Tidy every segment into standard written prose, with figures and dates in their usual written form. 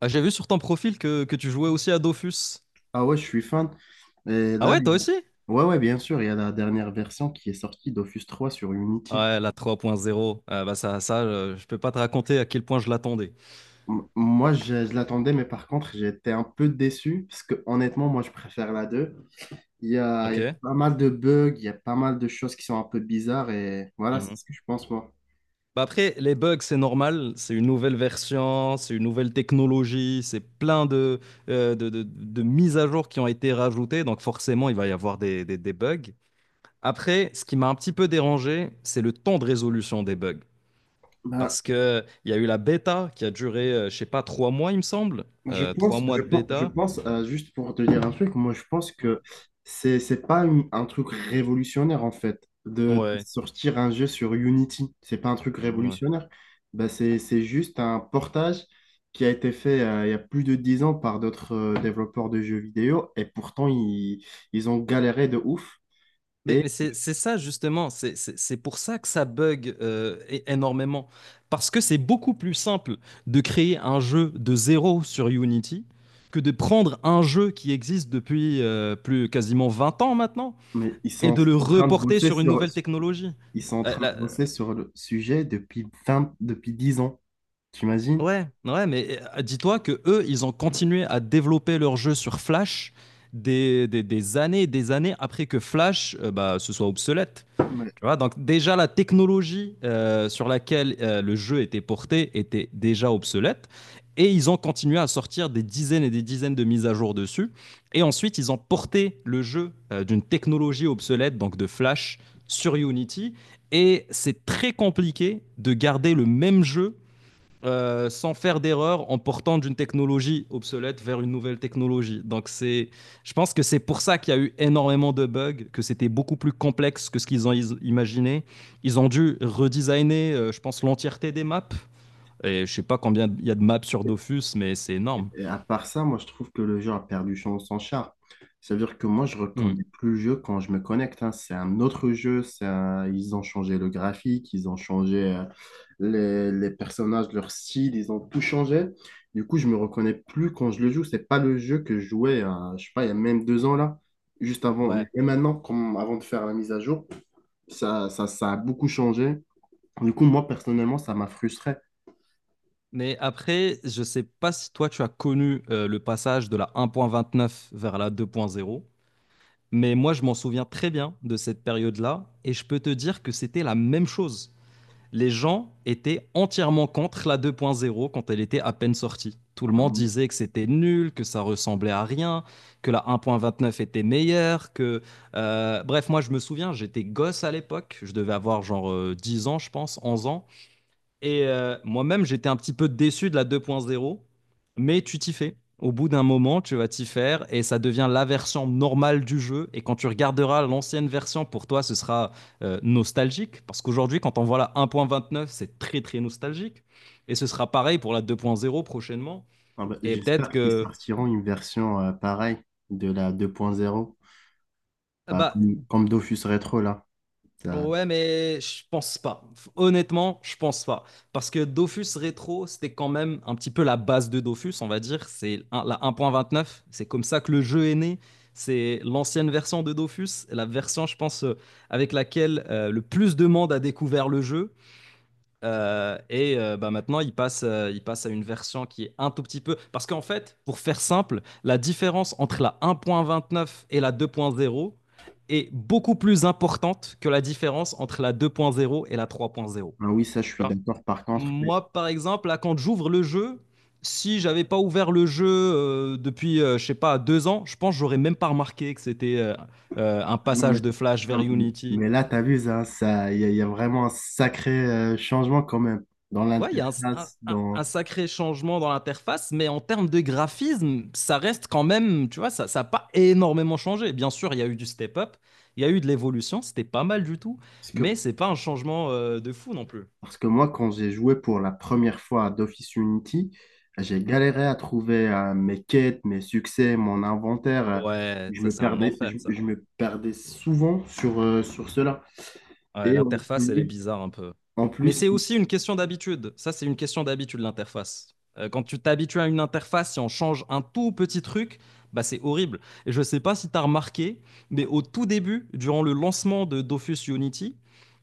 Ah, j'ai vu sur ton profil que tu jouais aussi à Dofus. Ah ouais, je suis fan. Et Ah là, ouais, toi aussi? ouais, ouais, bien sûr, il y a la dernière version qui est sortie dofus 3 sur Unity. Ouais, la 3.0. Ah bah ça, ça je peux pas te raconter à quel point je l'attendais. Moi, je l'attendais, mais par contre, j'étais un peu déçu parce que honnêtement, moi, je préfère la 2. Il y a, il Ok? y a pas mal de bugs, il y a pas mal de choses qui sont un peu bizarres et voilà, c'est Mhm. ce que je pense, moi. Bah après, les bugs, c'est normal. C'est une nouvelle version, c'est une nouvelle technologie, c'est plein de mises à jour qui ont été rajoutées. Donc forcément, il va y avoir des bugs. Après, ce qui m'a un petit peu dérangé, c'est le temps de résolution des bugs. Ben, Parce que il y a eu la bêta qui a duré, je sais pas, 3 mois, il me semble. Je trois pense, mois je de pense, je bêta. pense euh, juste pour te dire un truc, moi je pense que c'est pas un truc révolutionnaire en fait, de Ouais, sortir un jeu sur Unity. C'est pas un truc ouais. révolutionnaire. Bah, c'est juste un portage qui a été fait il y a plus de 10 ans par d'autres développeurs de jeux vidéo et pourtant ils ont galéré de ouf. Mais Et mais c'est ça justement, c'est pour ça que ça bug énormément. Parce que c'est beaucoup plus simple de créer un jeu de zéro sur Unity que de prendre un jeu qui existe depuis plus quasiment 20 ans maintenant mais ils et sont de le en train de reporter bosser sur une sur, nouvelle technologie. ils sont en Euh, train de la- euh, bosser sur le sujet depuis 20 depuis 10 ans. T'imagines? ouais, ouais, mais dis-toi que eux, ils ont continué à développer leur jeu sur Flash des années et des années après que Flash bah, se soit obsolète. Tu vois, donc déjà la technologie sur laquelle le jeu était porté était déjà obsolète. Et ils ont continué à sortir des dizaines et des dizaines de mises à jour dessus. Et ensuite, ils ont porté le jeu d'une technologie obsolète, donc de Flash, sur Unity. Et c'est très compliqué de garder le même jeu sans faire d'erreur en portant d'une technologie obsolète vers une nouvelle technologie. Donc c'est, je pense que c'est pour ça qu'il y a eu énormément de bugs, que c'était beaucoup plus complexe que ce qu'ils ont imaginé. Ils ont dû redesigner, je pense, l'entièreté des maps. Et je sais pas combien il y a de maps sur Dofus, mais c'est énorme. Et à part ça, moi, je trouve que le jeu a perdu son, son charme. C'est-à-dire que moi, je Hmm. reconnais plus le jeu quand je me connecte, hein. C'est un autre jeu. Ils ont changé le graphique, ils ont changé les personnages, leur style, ils ont tout changé. Du coup, je me reconnais plus quand je le joue. C'est pas le jeu que je jouais, je sais pas, il y a même 2 ans là, juste avant. Ouais. Et maintenant, comme avant de faire la mise à jour, ça a beaucoup changé. Du coup, moi, personnellement, ça m'a frustré. Mais après, je sais pas si toi tu as connu le passage de la 1.29 vers la 2.0. Mais moi, je m'en souviens très bien de cette période-là, et je peux te dire que c'était la même chose. Les gens étaient entièrement contre la 2.0 quand elle était à peine sortie. Tout le monde disait que c'était nul, que ça ressemblait à rien, que la 1.29 était meilleure, Bref, moi je me souviens, j'étais gosse à l'époque, je devais avoir genre 10 ans je pense, 11 ans, et moi-même, j'étais un petit peu déçu de la 2.0, mais tu t'y fais. Au bout d'un moment, tu vas t'y faire et ça devient la version normale du jeu. Et quand tu regarderas l'ancienne version, pour toi, ce sera nostalgique. Parce qu'aujourd'hui, quand on voit la 1.29, c'est très, très nostalgique. Et ce sera pareil pour la 2.0 prochainement. Ah bah, Et peut-être j'espère qu'ils que sortiront une version pareille de la 2.0, bah, bah, comme Dofus Retro là. Ça- ouais, mais je pense pas. Honnêtement, je pense pas. Parce que Dofus Rétro, c'était quand même un petit peu la base de Dofus, on va dire. La neuf. C'est comme ça que le jeu est né. C'est l'ancienne version de Dofus, la version, je pense, avec laquelle le plus de monde a découvert le jeu. Et bah, maintenant, il passe à une version qui est un tout petit peu. Parce qu'en fait, pour faire simple, la différence entre la 1.29 et la 2.0 est beaucoup plus importante que la différence entre la 2.0 et la 3.0. Ah oui, ça je suis Genre, d'accord par contre. Mais, moi, par exemple, là, quand j'ouvre le jeu, si j'avais pas ouvert le jeu depuis, je sais pas, 2 ans, je pense que j'aurais même pas remarqué que c'était un ah non, passage de Flash ah, vers Unity. mais là, t'as vu ça, il y a vraiment un sacré changement quand même dans Ouais, il y a un, un- l'interface, un- dans... un sacré changement dans l'interface, mais en termes de graphisme, ça reste quand même, tu vois, ça n'a pas énormément changé. Bien sûr, il y a eu du step-up, il y a eu de l'évolution, c'était pas mal du tout, Parce que, mais c'est pas un changement de fou non plus. parce que moi, quand j'ai joué pour la première fois à Dofus Unity, j'ai Mhm. galéré à trouver mes quêtes, mes succès, mon inventaire. euh, Ouais, Je ça me c'est un perdais, enfer, je, ça. je me perdais souvent sur, sur cela. Ouais, Et en l'interface, elle est plus, bizarre un peu. en Mais c'est plus, aussi une question d'habitude. Ça, c'est une question d'habitude, l'interface. Quand tu t'habitues à une interface, si on change un tout petit truc, bah, c'est horrible. Et je ne sais pas si tu as remarqué, mais au tout début, durant le lancement de Dofus Unity,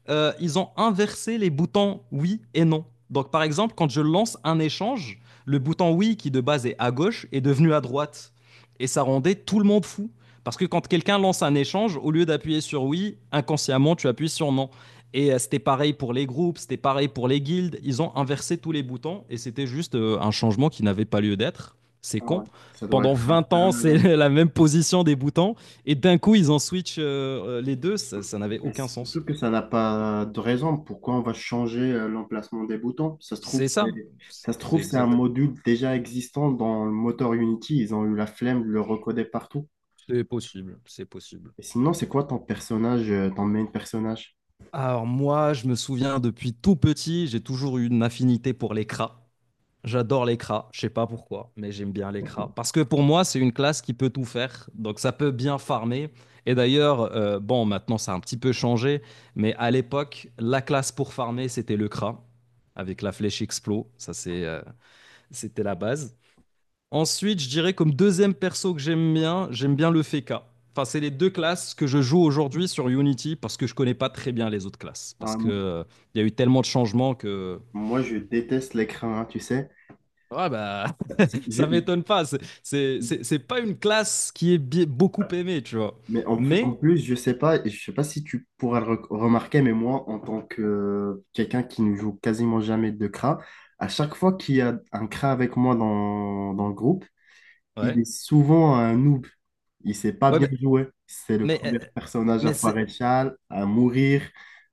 ils ont inversé les boutons oui et non. Donc, par exemple, quand je lance un échange, le bouton oui, qui de base est à gauche, est devenu à droite. Et ça rendait tout le monde fou. Parce que quand quelqu'un lance un échange, au lieu d'appuyer sur oui, inconsciemment, tu appuies sur non. Et c'était pareil pour les groupes, c'était pareil pour les guildes. Ils ont inversé tous les boutons et c'était juste un changement qui n'avait pas lieu d'être. C'est ah con. ouais, ça doit Pendant être un 20 peu ans, c'est malin. la même position des boutons et d'un coup, ils en switch les deux. Ça n'avait Et aucun sens. surtout que ça n'a pas de raison. Pourquoi on va changer l'emplacement des boutons? Ça se trouve, C'est ça. Ça se C'est trouve, c'est un exact. module déjà existant dans le moteur Unity. Ils ont eu la flemme de le recoder partout. C'est possible. C'est possible. Et sinon, c'est quoi ton personnage, ton main personnage? Alors moi, je me souviens depuis tout petit, j'ai toujours eu une affinité pour les cras. J'adore l'écra, je sais pas pourquoi, mais j'aime bien l'écra. Parce que pour moi, c'est une classe qui peut tout faire, donc ça peut bien farmer. Et d'ailleurs, bon, maintenant ça a un petit peu changé, mais à l'époque, la classe pour farmer, c'était le cra, avec la flèche explo, c'était la base. Ensuite, je dirais comme deuxième perso que j'aime bien le Feka. Enfin, c'est les deux classes que je joue aujourd'hui sur Unity parce que je connais pas très bien les autres classes. Ah, Parce que il y a eu tellement de changements que. moi, je déteste l'écran, hein, tu sais. Ouais, bah, Je- ça m'étonne pas. C'est pas une classe qui est beaucoup aimée, tu vois. Mais en plus, en Mais, plus, je sais pas si tu pourras le remarquer, mais moi, en tant que quelqu'un qui ne joue quasiment jamais de CRA, à chaque fois qu'il y a un CRA avec moi dans le groupe, il ouais. est souvent un noob. Il sait pas Ouais, bien jouer. C'est le mais, premier euh, personnage à mais foirer c'est-. le châle, à mourir,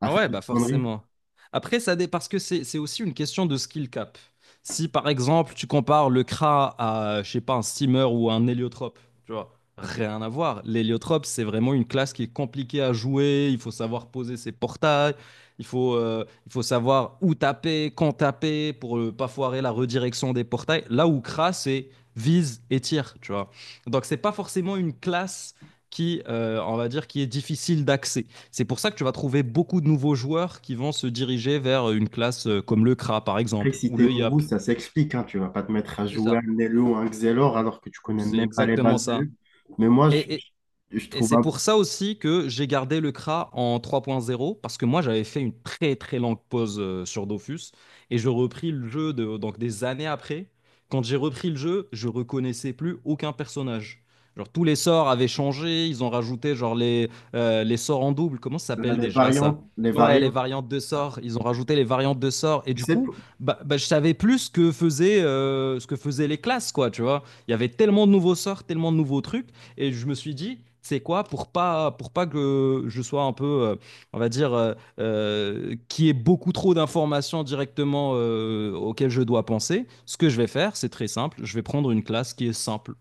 à Ah faire ouais, des bah conneries. forcément. Après, parce que c'est aussi une question de skill cap. Si par exemple tu compares le Kra à, je sais pas, un steamer ou un héliotrope, tu vois, rien à voir. L'héliotrope, c'est vraiment une classe qui est compliquée à jouer. Il faut savoir poser ses portails, il faut savoir où taper, quand taper pour ne pas foirer la redirection des portails. Là où Kra, c'est vise et tire, tu vois. Donc c'est pas forcément une classe qui, on va dire, qui est difficile d'accès. C'est pour ça que tu vas trouver beaucoup de nouveaux joueurs qui vont se diriger vers une classe comme le Kra, par Après, exemple, si ou t'es le nouveau, Yap. ça s'explique, hein. Tu vas pas te mettre à C'est jouer un ça. Nelo ou un Xelor alors que tu connais C'est même pas les exactement bases de ça. jeu. Mais moi, je, Et, et, je je Et trouve c'est un- pour ça aussi que j'ai gardé le CRA en 3.0, parce que moi j'avais fait une très très longue pause sur Dofus, et je repris le jeu donc des années après. Quand j'ai repris le jeu, je reconnaissais plus aucun personnage. Genre tous les sorts avaient changé, ils ont rajouté genre les sorts en double, comment ça s'appelle les déjà ça? variantes, les Ouais, les variantes. variantes de sorts, ils ont rajouté les variantes de sorts, et Tu du sais, coup, bah, bah, je savais plus ce que faisaient les classes, quoi, tu vois. Il y avait tellement de nouveaux sorts, tellement de nouveaux trucs et je me suis dit, c'est quoi pour pas que je sois un peu on va dire qu'il y ait beaucoup trop d'informations directement auxquelles je dois penser. Ce que je vais faire, c'est très simple, je vais prendre une classe qui est simple.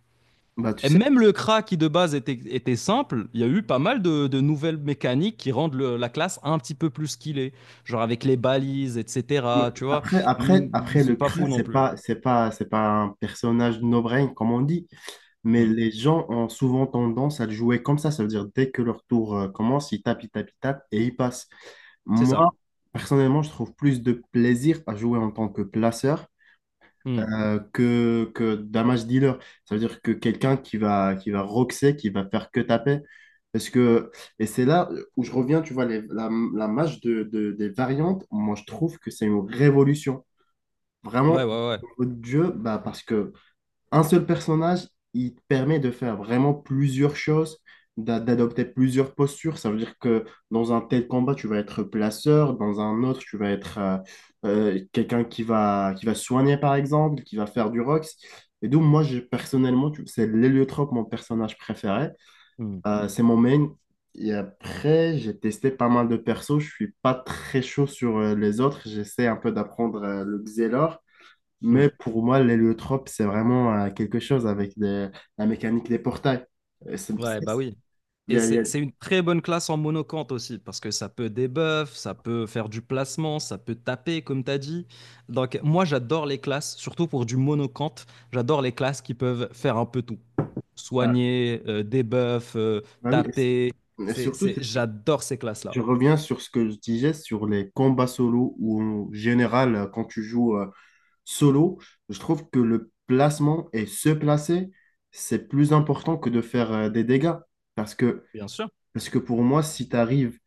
bah, tu Et sais, même le CRA qui de base était simple, il y a eu pas mal de nouvelles mécaniques qui rendent la classe un petit peu plus qu'il est. Genre avec les balises, ouais. etc. Tu vois. après, après, Mm. après le C'est pas fou crash, non c'est plus. pas, c'est pas, c'est pas un personnage no-brain, comme on dit, mais Mm. les gens ont souvent tendance à le jouer comme ça. Ça veut dire, dès que leur tour commence, ils tapent, ils tapent, ils tapent et ils passent. C'est Moi, ça. personnellement, je trouve plus de plaisir à jouer en tant que placeur Mm. Que d'un match dealer. Ça veut dire que quelqu'un qui va roxer, qui va faire que taper. Parce que, et c'est là où je reviens, tu vois, la match des variantes, moi je trouve que c'est une révolution. Ouais, Vraiment, ouais, ouais. au niveau du jeu, bah, parce que un seul personnage, il te permet de faire vraiment plusieurs choses, d'adopter plusieurs postures. Ça veut dire que dans un tel combat, tu vas être placeur, dans un autre, tu vas être quelqu'un qui va soigner, par exemple, qui va faire du rox. Et donc, moi, personnellement, c'est l'héliotrope, mon personnage préféré. Mm. C'est mon main. Et après, j'ai testé pas mal de persos. Je suis pas très chaud sur les autres. J'essaie un peu d'apprendre le Xelor. Mm. Mais pour moi, l'héliotrope, c'est vraiment quelque chose avec la mécanique des portails. Euh, c'est- Ouais, bah c'est- oui. il y Et a- il y a- c'est une très bonne classe en monocante aussi, parce que ça peut débuff, ça peut faire du placement, ça peut taper, comme tu as dit. Donc, moi, j'adore les classes, surtout pour du monocante, j'adore les classes qui peuvent faire un peu tout. bah, Soigner, débuff, bah oui. taper. Et surtout, J'adore ces je classes-là. reviens sur ce que je disais sur les combats solo, où en général, quand tu joues solo, je trouve que le placement et se placer, c'est plus important que de faire des dégâts. Parce que, Bien sûr, parce que pour moi, si tu arrives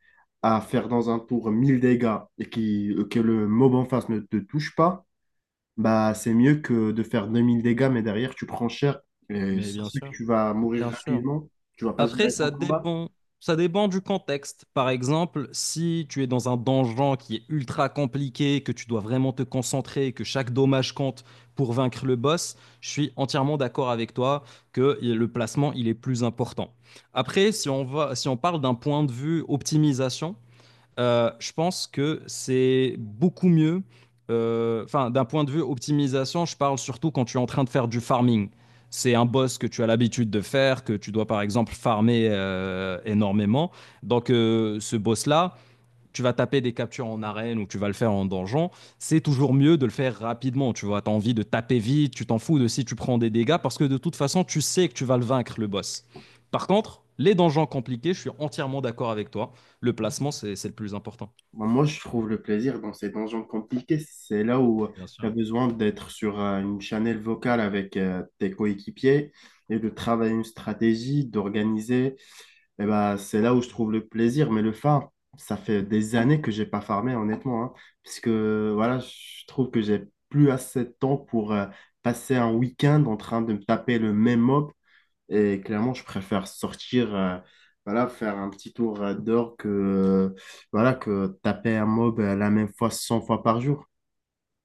à faire dans un tour 1 000 dégâts et qui, que le mob en face ne te touche pas, bah, c'est mieux que de faire 2 000 dégâts, mais derrière, tu prends cher. Et mais ça bien se fait sûr, que tu vas mourir bien sûr. rapidement. Tu vas pas Après, gérer ton ça combat. dépend. Ça dépend du contexte. Par exemple, si tu es dans un donjon qui est ultra compliqué, que tu dois vraiment te concentrer, que chaque dommage compte pour vaincre le boss, je suis entièrement d'accord avec toi que le placement, il est plus important. Après, si on parle d'un point de vue optimisation, je pense que c'est beaucoup mieux. Enfin, d'un point de vue optimisation, je parle surtout quand tu es en train de faire du farming. C'est un boss que tu as l'habitude de faire, que tu dois par exemple farmer énormément. Donc, ce boss-là, tu vas taper des captures en arène ou tu vas le faire en donjon, c'est toujours mieux de le faire rapidement. Tu vois, tu as envie de taper vite, tu t'en fous de si tu prends des dégâts parce que de toute façon, tu sais que tu vas le vaincre, le boss. Par contre, les donjons compliqués, je suis entièrement d'accord avec toi. Le placement, c'est le plus important. Bah, moi, je trouve le plaisir dans ces donjons compliqués. C'est là où Bien tu as sûr. besoin d'être sur une channel vocale avec tes coéquipiers et de travailler une stratégie, d'organiser. Et ben, c'est là où je trouve le plaisir, mais le farm, ça fait des années que j'ai pas farmé, honnêtement, hein, puisque voilà, je trouve que j'ai plus assez de temps pour passer un week-end en train de me taper le même mob, et clairement, je préfère sortir, voilà, faire un petit tour dehors que, voilà, que taper un mob la même fois 100 fois par jour.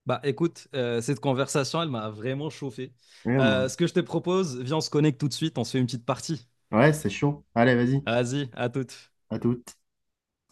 Bah écoute, cette conversation, elle m'a vraiment chauffé. Ouais, Ce que je te propose, viens, on se connecte tout de suite, on se fait une petite partie. ouais, c'est chaud. Allez, vas-y, Vas-y, à toute. à toute.